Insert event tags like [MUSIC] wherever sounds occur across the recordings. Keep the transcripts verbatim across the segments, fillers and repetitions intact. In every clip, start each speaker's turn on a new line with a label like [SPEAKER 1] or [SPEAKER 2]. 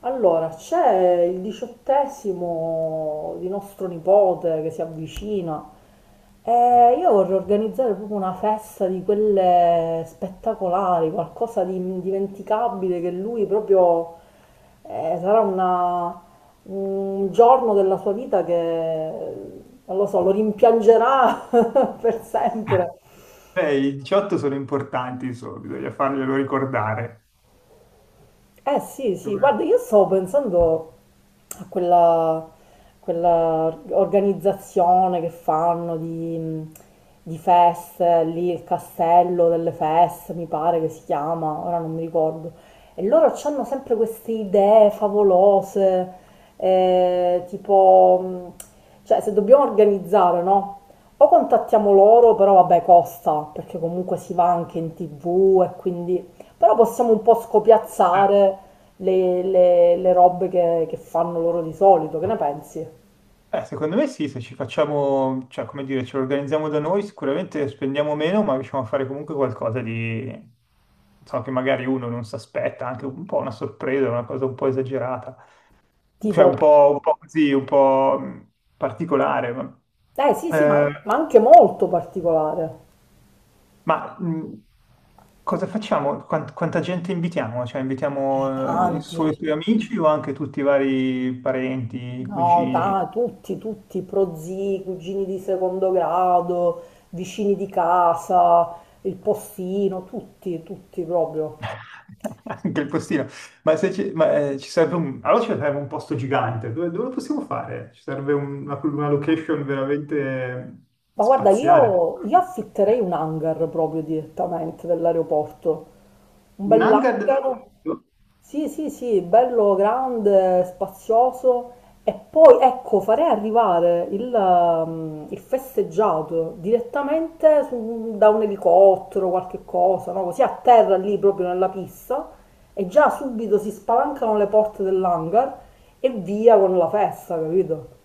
[SPEAKER 1] Allora, c'è il diciottesimo di nostro nipote che si avvicina e io vorrei organizzare proprio una festa di quelle spettacolari, qualcosa di indimenticabile che lui proprio eh, sarà una- un giorno della sua vita che, non lo so, lo rimpiangerà [LAUGHS] per sempre.
[SPEAKER 2] Beh, i diciotto sono importanti, insomma, bisogna farglielo ricordare.
[SPEAKER 1] Eh sì, sì, guarda, io stavo pensando a quella, quella organizzazione che fanno di, di feste, lì il castello delle feste, mi pare che si chiama, ora non mi ricordo. E loro hanno sempre queste idee favolose, eh, tipo, mh, cioè se dobbiamo organizzare, no? O contattiamo loro, però vabbè costa, perché comunque si va anche in ti vu e quindi... Però possiamo un po'
[SPEAKER 2] Eh,
[SPEAKER 1] scopiazzare le, le- le robe che, che fanno loro di solito, che ne pensi?
[SPEAKER 2] eh, Secondo me sì, se ci facciamo, cioè, come dire, ce lo organizziamo da noi, sicuramente spendiamo meno, ma riusciamo a fare comunque qualcosa di, so che magari uno non si aspetta, anche un po' una sorpresa, una cosa un po' esagerata, cioè
[SPEAKER 1] Tipo,
[SPEAKER 2] un po', un po' così, un po' mh, particolare. Ma...
[SPEAKER 1] eh sì sì,
[SPEAKER 2] Eh,
[SPEAKER 1] ma, ma anche molto particolare.
[SPEAKER 2] Ma mh, cosa facciamo? Quant- quanta gente invitiamo? Cioè,
[SPEAKER 1] Eh,
[SPEAKER 2] invitiamo eh, i
[SPEAKER 1] tanti,
[SPEAKER 2] suoi, i suoi amici o anche tutti i vari parenti,
[SPEAKER 1] no, ta-
[SPEAKER 2] cugini?
[SPEAKER 1] tutti, tutti, prozii, cugini di secondo grado, vicini di casa, il postino, tutti, tutti proprio.
[SPEAKER 2] [LAUGHS] Anche il postino. Ma, se ci, ma, eh, ci serve un... Allora ci serve un posto gigante. Dove, dove lo possiamo fare? Ci serve un- una, una location veramente
[SPEAKER 1] Ma guarda,
[SPEAKER 2] spaziale.
[SPEAKER 1] io, io affitterei un hangar proprio direttamente dell'aeroporto. Un
[SPEAKER 2] Un
[SPEAKER 1] bel
[SPEAKER 2] hangar
[SPEAKER 1] hangar,
[SPEAKER 2] dell'aeroporto?
[SPEAKER 1] sì, sì, sì, bello grande, spazioso, e poi ecco farei arrivare il, ehm, il festeggiato direttamente su- da un elicottero, qualche cosa, no? Così a terra lì proprio nella pista, e già subito si spalancano le porte dell'hangar e via con la festa, capito?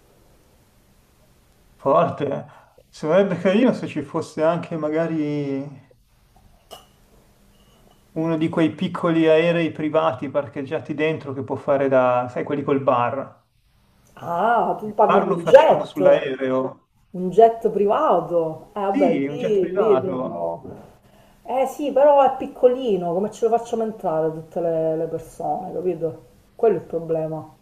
[SPEAKER 2] Forte. Sarebbe carino se ci fosse anche magari... Uno di quei piccoli aerei privati parcheggiati dentro che può fare da, sai, quelli col bar.
[SPEAKER 1] Ah, tu
[SPEAKER 2] Il
[SPEAKER 1] parli
[SPEAKER 2] bar
[SPEAKER 1] di
[SPEAKER 2] lo
[SPEAKER 1] un
[SPEAKER 2] facciamo
[SPEAKER 1] jet,
[SPEAKER 2] sull'aereo.
[SPEAKER 1] un jet privato. Eh vabbè,
[SPEAKER 2] Sì, un jet
[SPEAKER 1] lì, lì
[SPEAKER 2] privato.
[SPEAKER 1] proprio... Eh sì, però è piccolino, come ce lo facciamo entrare tutte le, le persone, capito? Quello è il problema.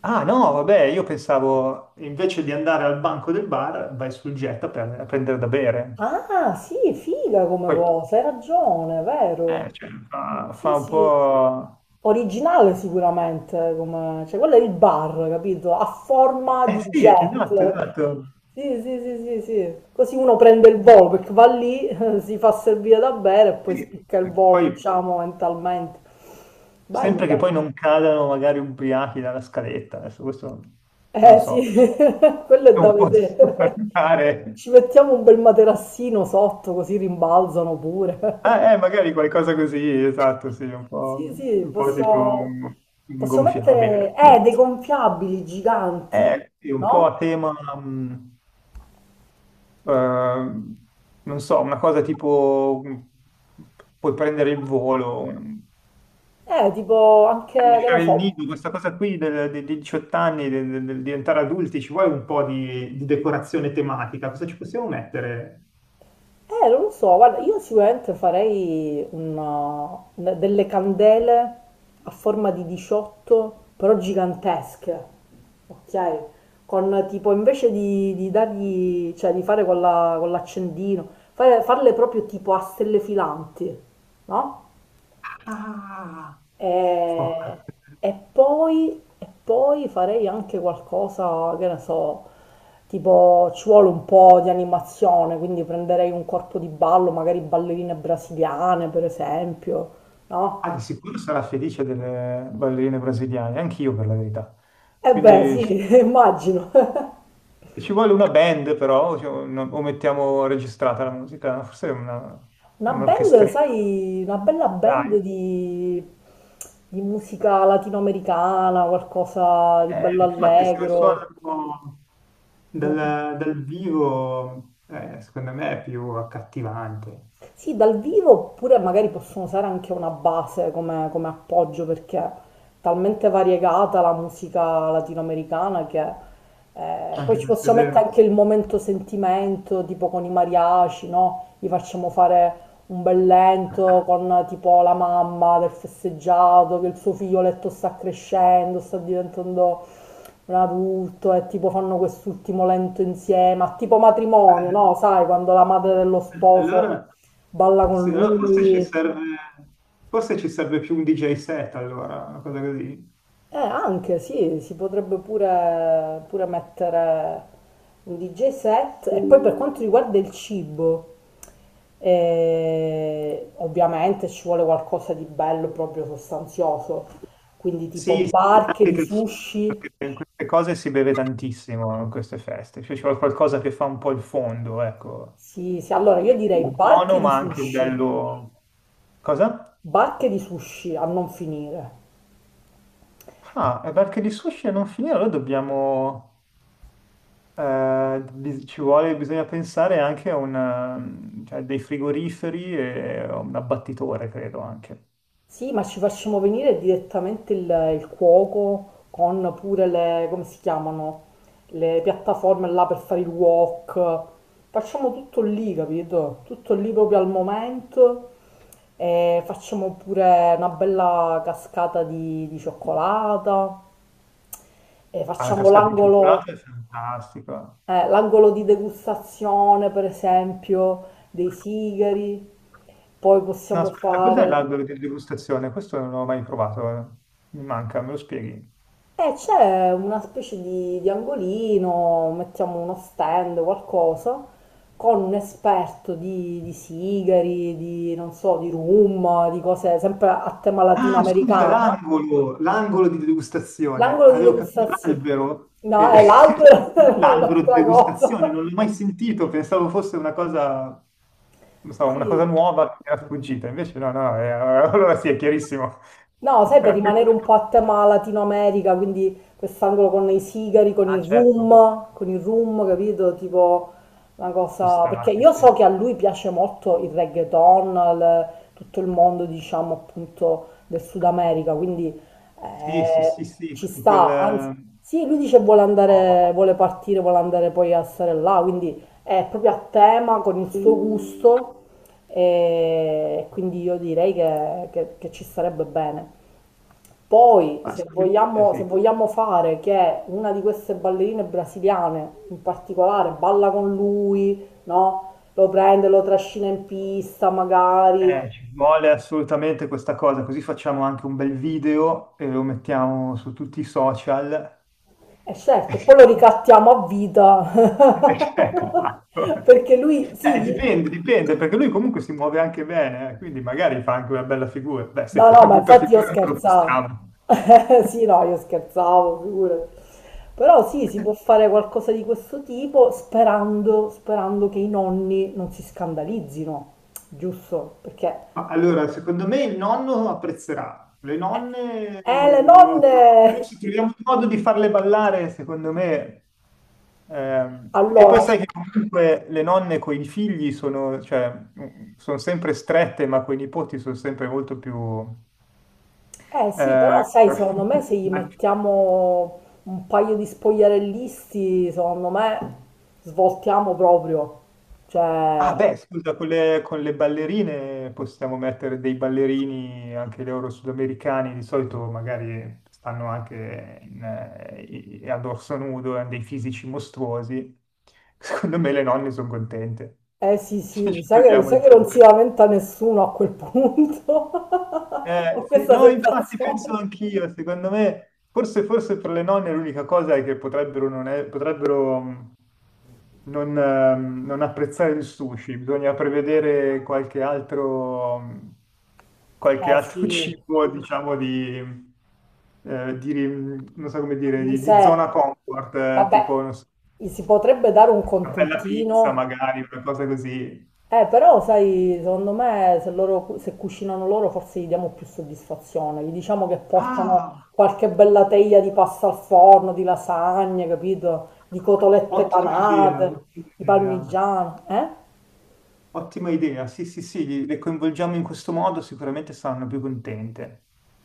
[SPEAKER 2] Ah no, vabbè, io pensavo invece di andare al banco del bar, vai sul jet a, pre- a prendere da bere.
[SPEAKER 1] Ah, sì, figa come
[SPEAKER 2] Poi,
[SPEAKER 1] cosa, hai ragione,
[SPEAKER 2] eh,
[SPEAKER 1] vero?
[SPEAKER 2] cioè, fa,
[SPEAKER 1] Sì,
[SPEAKER 2] fa un
[SPEAKER 1] sì.
[SPEAKER 2] po'...
[SPEAKER 1] Originale sicuramente, come... cioè quello è il bar, capito? A forma
[SPEAKER 2] Eh
[SPEAKER 1] di
[SPEAKER 2] sì,
[SPEAKER 1] jet.
[SPEAKER 2] esatto, esatto.
[SPEAKER 1] Sì, sì, sì, sì, sì. Così uno prende il volo perché va lì, [LAUGHS] si fa servire da bere e poi
[SPEAKER 2] Sì.
[SPEAKER 1] spicca il volo,
[SPEAKER 2] Poi,
[SPEAKER 1] diciamo, mentalmente. Bello,
[SPEAKER 2] sempre che poi
[SPEAKER 1] bello.
[SPEAKER 2] non cadano magari ubriachi dalla scaletta, adesso questo non lo
[SPEAKER 1] Eh
[SPEAKER 2] so.
[SPEAKER 1] sì, [LAUGHS] quello è da
[SPEAKER 2] Non posso [LAUGHS]
[SPEAKER 1] vedere.
[SPEAKER 2] guardare.
[SPEAKER 1] Ci mettiamo un bel materassino sotto così rimbalzano pure.
[SPEAKER 2] Ah, eh,
[SPEAKER 1] [LAUGHS]
[SPEAKER 2] magari qualcosa così, esatto, sì, un
[SPEAKER 1] Sì,
[SPEAKER 2] po',
[SPEAKER 1] sì,
[SPEAKER 2] un po' tipo
[SPEAKER 1] posso,
[SPEAKER 2] un, un
[SPEAKER 1] posso mettere
[SPEAKER 2] gonfiabile.
[SPEAKER 1] eh, dei gonfiabili giganti,
[SPEAKER 2] Eh, sì, un po'
[SPEAKER 1] no?
[SPEAKER 2] a tema, mh, eh, non so, una cosa tipo mh, puoi prendere il volo, mh,
[SPEAKER 1] Eh, tipo anche, che ne
[SPEAKER 2] lasciare il
[SPEAKER 1] so,
[SPEAKER 2] nido, questa cosa qui del- de- dei diciotto anni, del, del- del diventare adulti, ci vuole un po' di, di decorazione tematica, cosa ci possiamo mettere?
[SPEAKER 1] eh, non lo so, guarda, io sicuramente farei una- una- delle candele a forma di diciotto, però gigantesche, ok? Con tipo, invece di, di dargli, cioè di fare con la- con l'accendino, fare- farle proprio tipo a stelle filanti, no?
[SPEAKER 2] Ah, fuoco.
[SPEAKER 1] E, e poi, e poi farei anche qualcosa, che ne so, tipo ci vuole un po' di animazione, quindi prenderei un corpo di ballo, magari ballerine brasiliane per esempio, no?
[SPEAKER 2] Ah, di sicuro sarà felice delle ballerine brasiliane, anch'io per la verità.
[SPEAKER 1] E beh,
[SPEAKER 2] Quindi
[SPEAKER 1] sì,
[SPEAKER 2] sì,
[SPEAKER 1] [LAUGHS] immagino. [LAUGHS]
[SPEAKER 2] ci vuole una band però, cioè, o no- o mettiamo registrata la musica, forse è una,
[SPEAKER 1] Una band,
[SPEAKER 2] un'orchestrina.
[SPEAKER 1] sai, una bella band
[SPEAKER 2] Dai.
[SPEAKER 1] di, di musica latinoamericana, qualcosa di
[SPEAKER 2] Eh,
[SPEAKER 1] bello
[SPEAKER 2] infatti se lo
[SPEAKER 1] allegro.
[SPEAKER 2] suonano
[SPEAKER 1] Mm.
[SPEAKER 2] dal, dal vivo, eh, secondo me è più accattivante.
[SPEAKER 1] Sì, dal vivo oppure magari possono usare anche una base come, come appoggio perché è talmente variegata la musica latinoamericana che eh, poi
[SPEAKER 2] Anche
[SPEAKER 1] ci
[SPEAKER 2] questo è
[SPEAKER 1] possiamo
[SPEAKER 2] vero.
[SPEAKER 1] mettere anche il momento sentimento, tipo con i mariachi, no? Gli facciamo fare un bel lento con eh, tipo la mamma del festeggiato, che il suo figlioletto sta crescendo, sta diventando un adulto, e tipo fanno quest'ultimo lento insieme, a tipo matrimonio, no? Sai, quando la madre dello sposo
[SPEAKER 2] Allora,
[SPEAKER 1] balla con
[SPEAKER 2] sì, allora forse ci
[SPEAKER 1] lui.
[SPEAKER 2] serve, forse ci serve più un di gei set allora, una cosa così.
[SPEAKER 1] Eh, anche sì, si potrebbe pure, pure mettere un di gei set. E poi per quanto riguarda il cibo, eh, ovviamente ci vuole qualcosa di bello, proprio sostanzioso. Quindi
[SPEAKER 2] Sì,
[SPEAKER 1] tipo
[SPEAKER 2] sì,
[SPEAKER 1] barche
[SPEAKER 2] anche
[SPEAKER 1] di
[SPEAKER 2] che
[SPEAKER 1] sushi.
[SPEAKER 2] perché in queste cose si beve tantissimo in queste feste, cioè c'è qualcosa che fa un po' il fondo, ecco,
[SPEAKER 1] Sì, sì, allora io direi barche
[SPEAKER 2] buono
[SPEAKER 1] di
[SPEAKER 2] ma anche
[SPEAKER 1] sushi,
[SPEAKER 2] bello. Cosa?
[SPEAKER 1] barche di sushi a non finire.
[SPEAKER 2] Ah, e perché di sushi a non finire, allora dobbiamo, eh, bis- ci vuole, bisogna pensare anche a una, cioè, dei frigoriferi e a un abbattitore, credo anche.
[SPEAKER 1] Sì, ma ci facciamo venire direttamente il, il cuoco con pure le, come si chiamano, le piattaforme là per fare il wok. Facciamo tutto lì, capito? Tutto lì proprio al momento, e facciamo pure una bella cascata di, di cioccolata e
[SPEAKER 2] Ah, la
[SPEAKER 1] facciamo
[SPEAKER 2] cascata di
[SPEAKER 1] l'angolo
[SPEAKER 2] cioccolato è fantastica.
[SPEAKER 1] eh, l'angolo di degustazione, per esempio, dei sigari. Poi
[SPEAKER 2] No,
[SPEAKER 1] possiamo
[SPEAKER 2] aspetta, cos'è
[SPEAKER 1] fare...
[SPEAKER 2] l'albero di degustazione? Questo non l'ho mai provato, eh. Mi manca, me lo spieghi?
[SPEAKER 1] E c'è una specie di, di angolino, mettiamo uno stand, qualcosa, con un esperto di, di sigari, di non so, di rum, di cose sempre a tema
[SPEAKER 2] Ah, scusa,
[SPEAKER 1] latinoamericana.
[SPEAKER 2] l'angolo, l'angolo di degustazione.
[SPEAKER 1] L'angolo di
[SPEAKER 2] Avevo capito
[SPEAKER 1] degustazione.
[SPEAKER 2] l'albero,
[SPEAKER 1] No,
[SPEAKER 2] eh,
[SPEAKER 1] è l'albero, [LAUGHS]
[SPEAKER 2] [LAUGHS]
[SPEAKER 1] è
[SPEAKER 2] l'albero di
[SPEAKER 1] un'altra
[SPEAKER 2] degustazione,
[SPEAKER 1] cosa.
[SPEAKER 2] non l'ho mai sentito, pensavo fosse una cosa, non so, una cosa
[SPEAKER 1] Sì,
[SPEAKER 2] nuova che mi era sfuggita, invece no, no, eh, [LAUGHS] allora sì, è chiarissimo.
[SPEAKER 1] no, sai, per rimanere un po' a
[SPEAKER 2] [LAUGHS]
[SPEAKER 1] tema Latino America, quindi quest'angolo con i sigari, con
[SPEAKER 2] Ah,
[SPEAKER 1] il
[SPEAKER 2] certo,
[SPEAKER 1] rum, con il rum, capito? Tipo una
[SPEAKER 2] ci
[SPEAKER 1] cosa... Perché
[SPEAKER 2] sta, sì,
[SPEAKER 1] io
[SPEAKER 2] sì.
[SPEAKER 1] so che a lui piace molto il reggaeton, il- tutto il mondo, diciamo, appunto, del Sud America, quindi
[SPEAKER 2] Sì, sì,
[SPEAKER 1] eh,
[SPEAKER 2] sì, sì,
[SPEAKER 1] ci
[SPEAKER 2] tutto quel...
[SPEAKER 1] sta.
[SPEAKER 2] eh,
[SPEAKER 1] Anzi,
[SPEAKER 2] un
[SPEAKER 1] sì, lui dice vuole
[SPEAKER 2] po'.
[SPEAKER 1] andare, vuole partire, vuole andare poi a stare là, quindi è proprio a tema con il suo gusto, e quindi io direi che che- che ci starebbe bene. Poi,
[SPEAKER 2] Ah,
[SPEAKER 1] se
[SPEAKER 2] scusi, eh,
[SPEAKER 1] vogliamo, se
[SPEAKER 2] sì.
[SPEAKER 1] vogliamo fare che una di queste ballerine brasiliane in particolare balla con lui, no? Lo prende, lo trascina in pista magari,
[SPEAKER 2] Eh, ci vuole assolutamente questa cosa, così facciamo anche un bel video e lo mettiamo su tutti i social.
[SPEAKER 1] e certo, e poi lo
[SPEAKER 2] [LAUGHS]
[SPEAKER 1] ricattiamo a vita.
[SPEAKER 2] Perché,
[SPEAKER 1] [LAUGHS]
[SPEAKER 2] ecco.
[SPEAKER 1] Perché lui,
[SPEAKER 2] Eh,
[SPEAKER 1] sì,
[SPEAKER 2] dipende, dipende, perché lui comunque si muove anche bene, eh, quindi magari fa anche una bella figura. Beh, se
[SPEAKER 1] no,
[SPEAKER 2] fa
[SPEAKER 1] no,
[SPEAKER 2] una
[SPEAKER 1] ma
[SPEAKER 2] brutta
[SPEAKER 1] infatti io
[SPEAKER 2] figura non lo
[SPEAKER 1] scherzavo.
[SPEAKER 2] possiamo.
[SPEAKER 1] [LAUGHS] Sì, no, io scherzavo, figurati. Però sì, si può fare qualcosa di questo tipo sperando, sperando che i nonni non si scandalizzino, giusto? Perché,
[SPEAKER 2] Ma allora, secondo me il nonno apprezzerà, le
[SPEAKER 1] eh,
[SPEAKER 2] nonne eh,
[SPEAKER 1] eh, le
[SPEAKER 2] non lo so,
[SPEAKER 1] nonne!
[SPEAKER 2] però se troviamo un modo di farle ballare, secondo me... ehm, E poi
[SPEAKER 1] Allora,
[SPEAKER 2] sai che comunque le nonne con i figli sono, cioè, mm, sono sempre strette, ma con i nipoti sono sempre molto più...
[SPEAKER 1] eh sì,
[SPEAKER 2] eh,
[SPEAKER 1] però sai, secondo me se gli
[SPEAKER 2] [LAUGHS]
[SPEAKER 1] mettiamo un paio di spogliarellisti, secondo me svoltiamo proprio. Cioè...
[SPEAKER 2] Ah, beh, scusa, con le, con le ballerine possiamo mettere dei ballerini anche loro sudamericani, di solito magari stanno anche in, eh, i- a dorso nudo, hanno dei fisici mostruosi. [LAUGHS] Secondo me le nonne sono contente.
[SPEAKER 1] Eh sì,
[SPEAKER 2] [LAUGHS]
[SPEAKER 1] sì, mi
[SPEAKER 2] Ci
[SPEAKER 1] sa che, mi
[SPEAKER 2] togliamo
[SPEAKER 1] sa
[SPEAKER 2] il
[SPEAKER 1] che non si
[SPEAKER 2] problema.
[SPEAKER 1] lamenta nessuno a quel punto. [LAUGHS]
[SPEAKER 2] Eh,
[SPEAKER 1] Ho
[SPEAKER 2] sì,
[SPEAKER 1] questa
[SPEAKER 2] no, infatti penso
[SPEAKER 1] sensazione.
[SPEAKER 2] anch'io, secondo me, forse, forse per le nonne l'unica cosa è che potrebbero non è- potrebbero, non, ehm, non apprezzare il sushi, bisogna prevedere qualche altro, qualche
[SPEAKER 1] Eh
[SPEAKER 2] altro [LAUGHS]
[SPEAKER 1] sì,
[SPEAKER 2] cibo, diciamo, di, eh, di- non so come dire,
[SPEAKER 1] di
[SPEAKER 2] di, di
[SPEAKER 1] riserva.
[SPEAKER 2] zona comfort, eh,
[SPEAKER 1] Vabbè,
[SPEAKER 2] tipo non so,
[SPEAKER 1] gli si potrebbe dare un
[SPEAKER 2] una bella pizza
[SPEAKER 1] contentino.
[SPEAKER 2] magari, una cosa così.
[SPEAKER 1] Eh, però, sai, secondo me se loro, cu- se cucinano loro forse gli diamo più soddisfazione. Gli diciamo che portano
[SPEAKER 2] Ah,
[SPEAKER 1] qualche bella teglia di pasta al forno, di lasagne, capito? Di cotolette
[SPEAKER 2] ottima idea,
[SPEAKER 1] panate,
[SPEAKER 2] ottima
[SPEAKER 1] di
[SPEAKER 2] idea,
[SPEAKER 1] parmigiano, eh?
[SPEAKER 2] ottima idea. Sì, sì, sì, le coinvolgiamo in questo modo, sicuramente saranno più contente.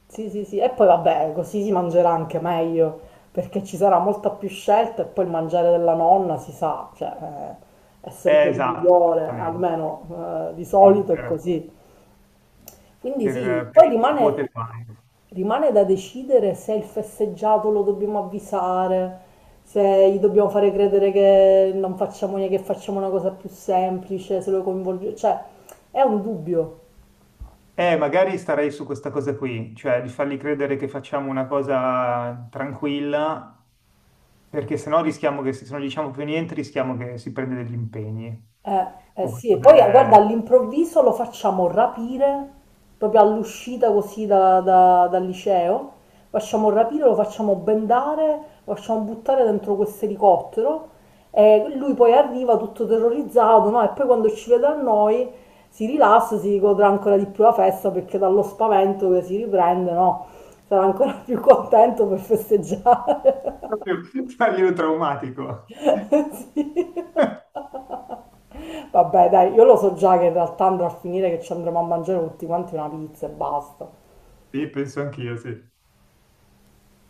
[SPEAKER 1] Sì, sì, sì, e poi vabbè, così si mangerà anche meglio, perché ci sarà molta più scelta, e poi il mangiare della nonna si sa, cioè, eh, è sempre
[SPEAKER 2] Eh,
[SPEAKER 1] il
[SPEAKER 2] esatto,
[SPEAKER 1] migliore,
[SPEAKER 2] esattamente.
[SPEAKER 1] almeno eh, di
[SPEAKER 2] Sì,
[SPEAKER 1] solito è così. Quindi sì,
[SPEAKER 2] per,
[SPEAKER 1] poi
[SPEAKER 2] per il
[SPEAKER 1] rimane,
[SPEAKER 2] nipote quando.
[SPEAKER 1] rimane da decidere se il festeggiato lo dobbiamo avvisare, se gli dobbiamo fare credere che non facciamo niente, che facciamo una cosa più semplice, se lo coinvolgiamo, cioè, è un dubbio.
[SPEAKER 2] Eh, magari starei su questa cosa qui, cioè di fargli credere che facciamo una cosa tranquilla, perché sennò rischiamo che se non diciamo più niente rischiamo che si prenda degli impegni.
[SPEAKER 1] Eh, eh
[SPEAKER 2] O
[SPEAKER 1] sì, e
[SPEAKER 2] qualcosa-
[SPEAKER 1] poi eh, guarda,
[SPEAKER 2] eh, [LAUGHS]
[SPEAKER 1] all'improvviso lo facciamo rapire, proprio all'uscita così da- da- dal liceo, facciamo rapire, lo facciamo bendare, lo facciamo buttare dentro questo elicottero, e lui poi arriva tutto terrorizzato, no? E poi quando ci vede a noi si rilassa, si godrà ancora di più la festa perché dallo spavento che si riprende, no? Sarà ancora [LAUGHS] più contento per festeggiare.
[SPEAKER 2] proprio farglielo traumatico. [LAUGHS]
[SPEAKER 1] [LAUGHS] Sì. Vabbè, dai, io lo so già che in realtà andrò a finire che ci andremo a mangiare tutti quanti una pizza e basta.
[SPEAKER 2] Sì, penso anch'io, sì.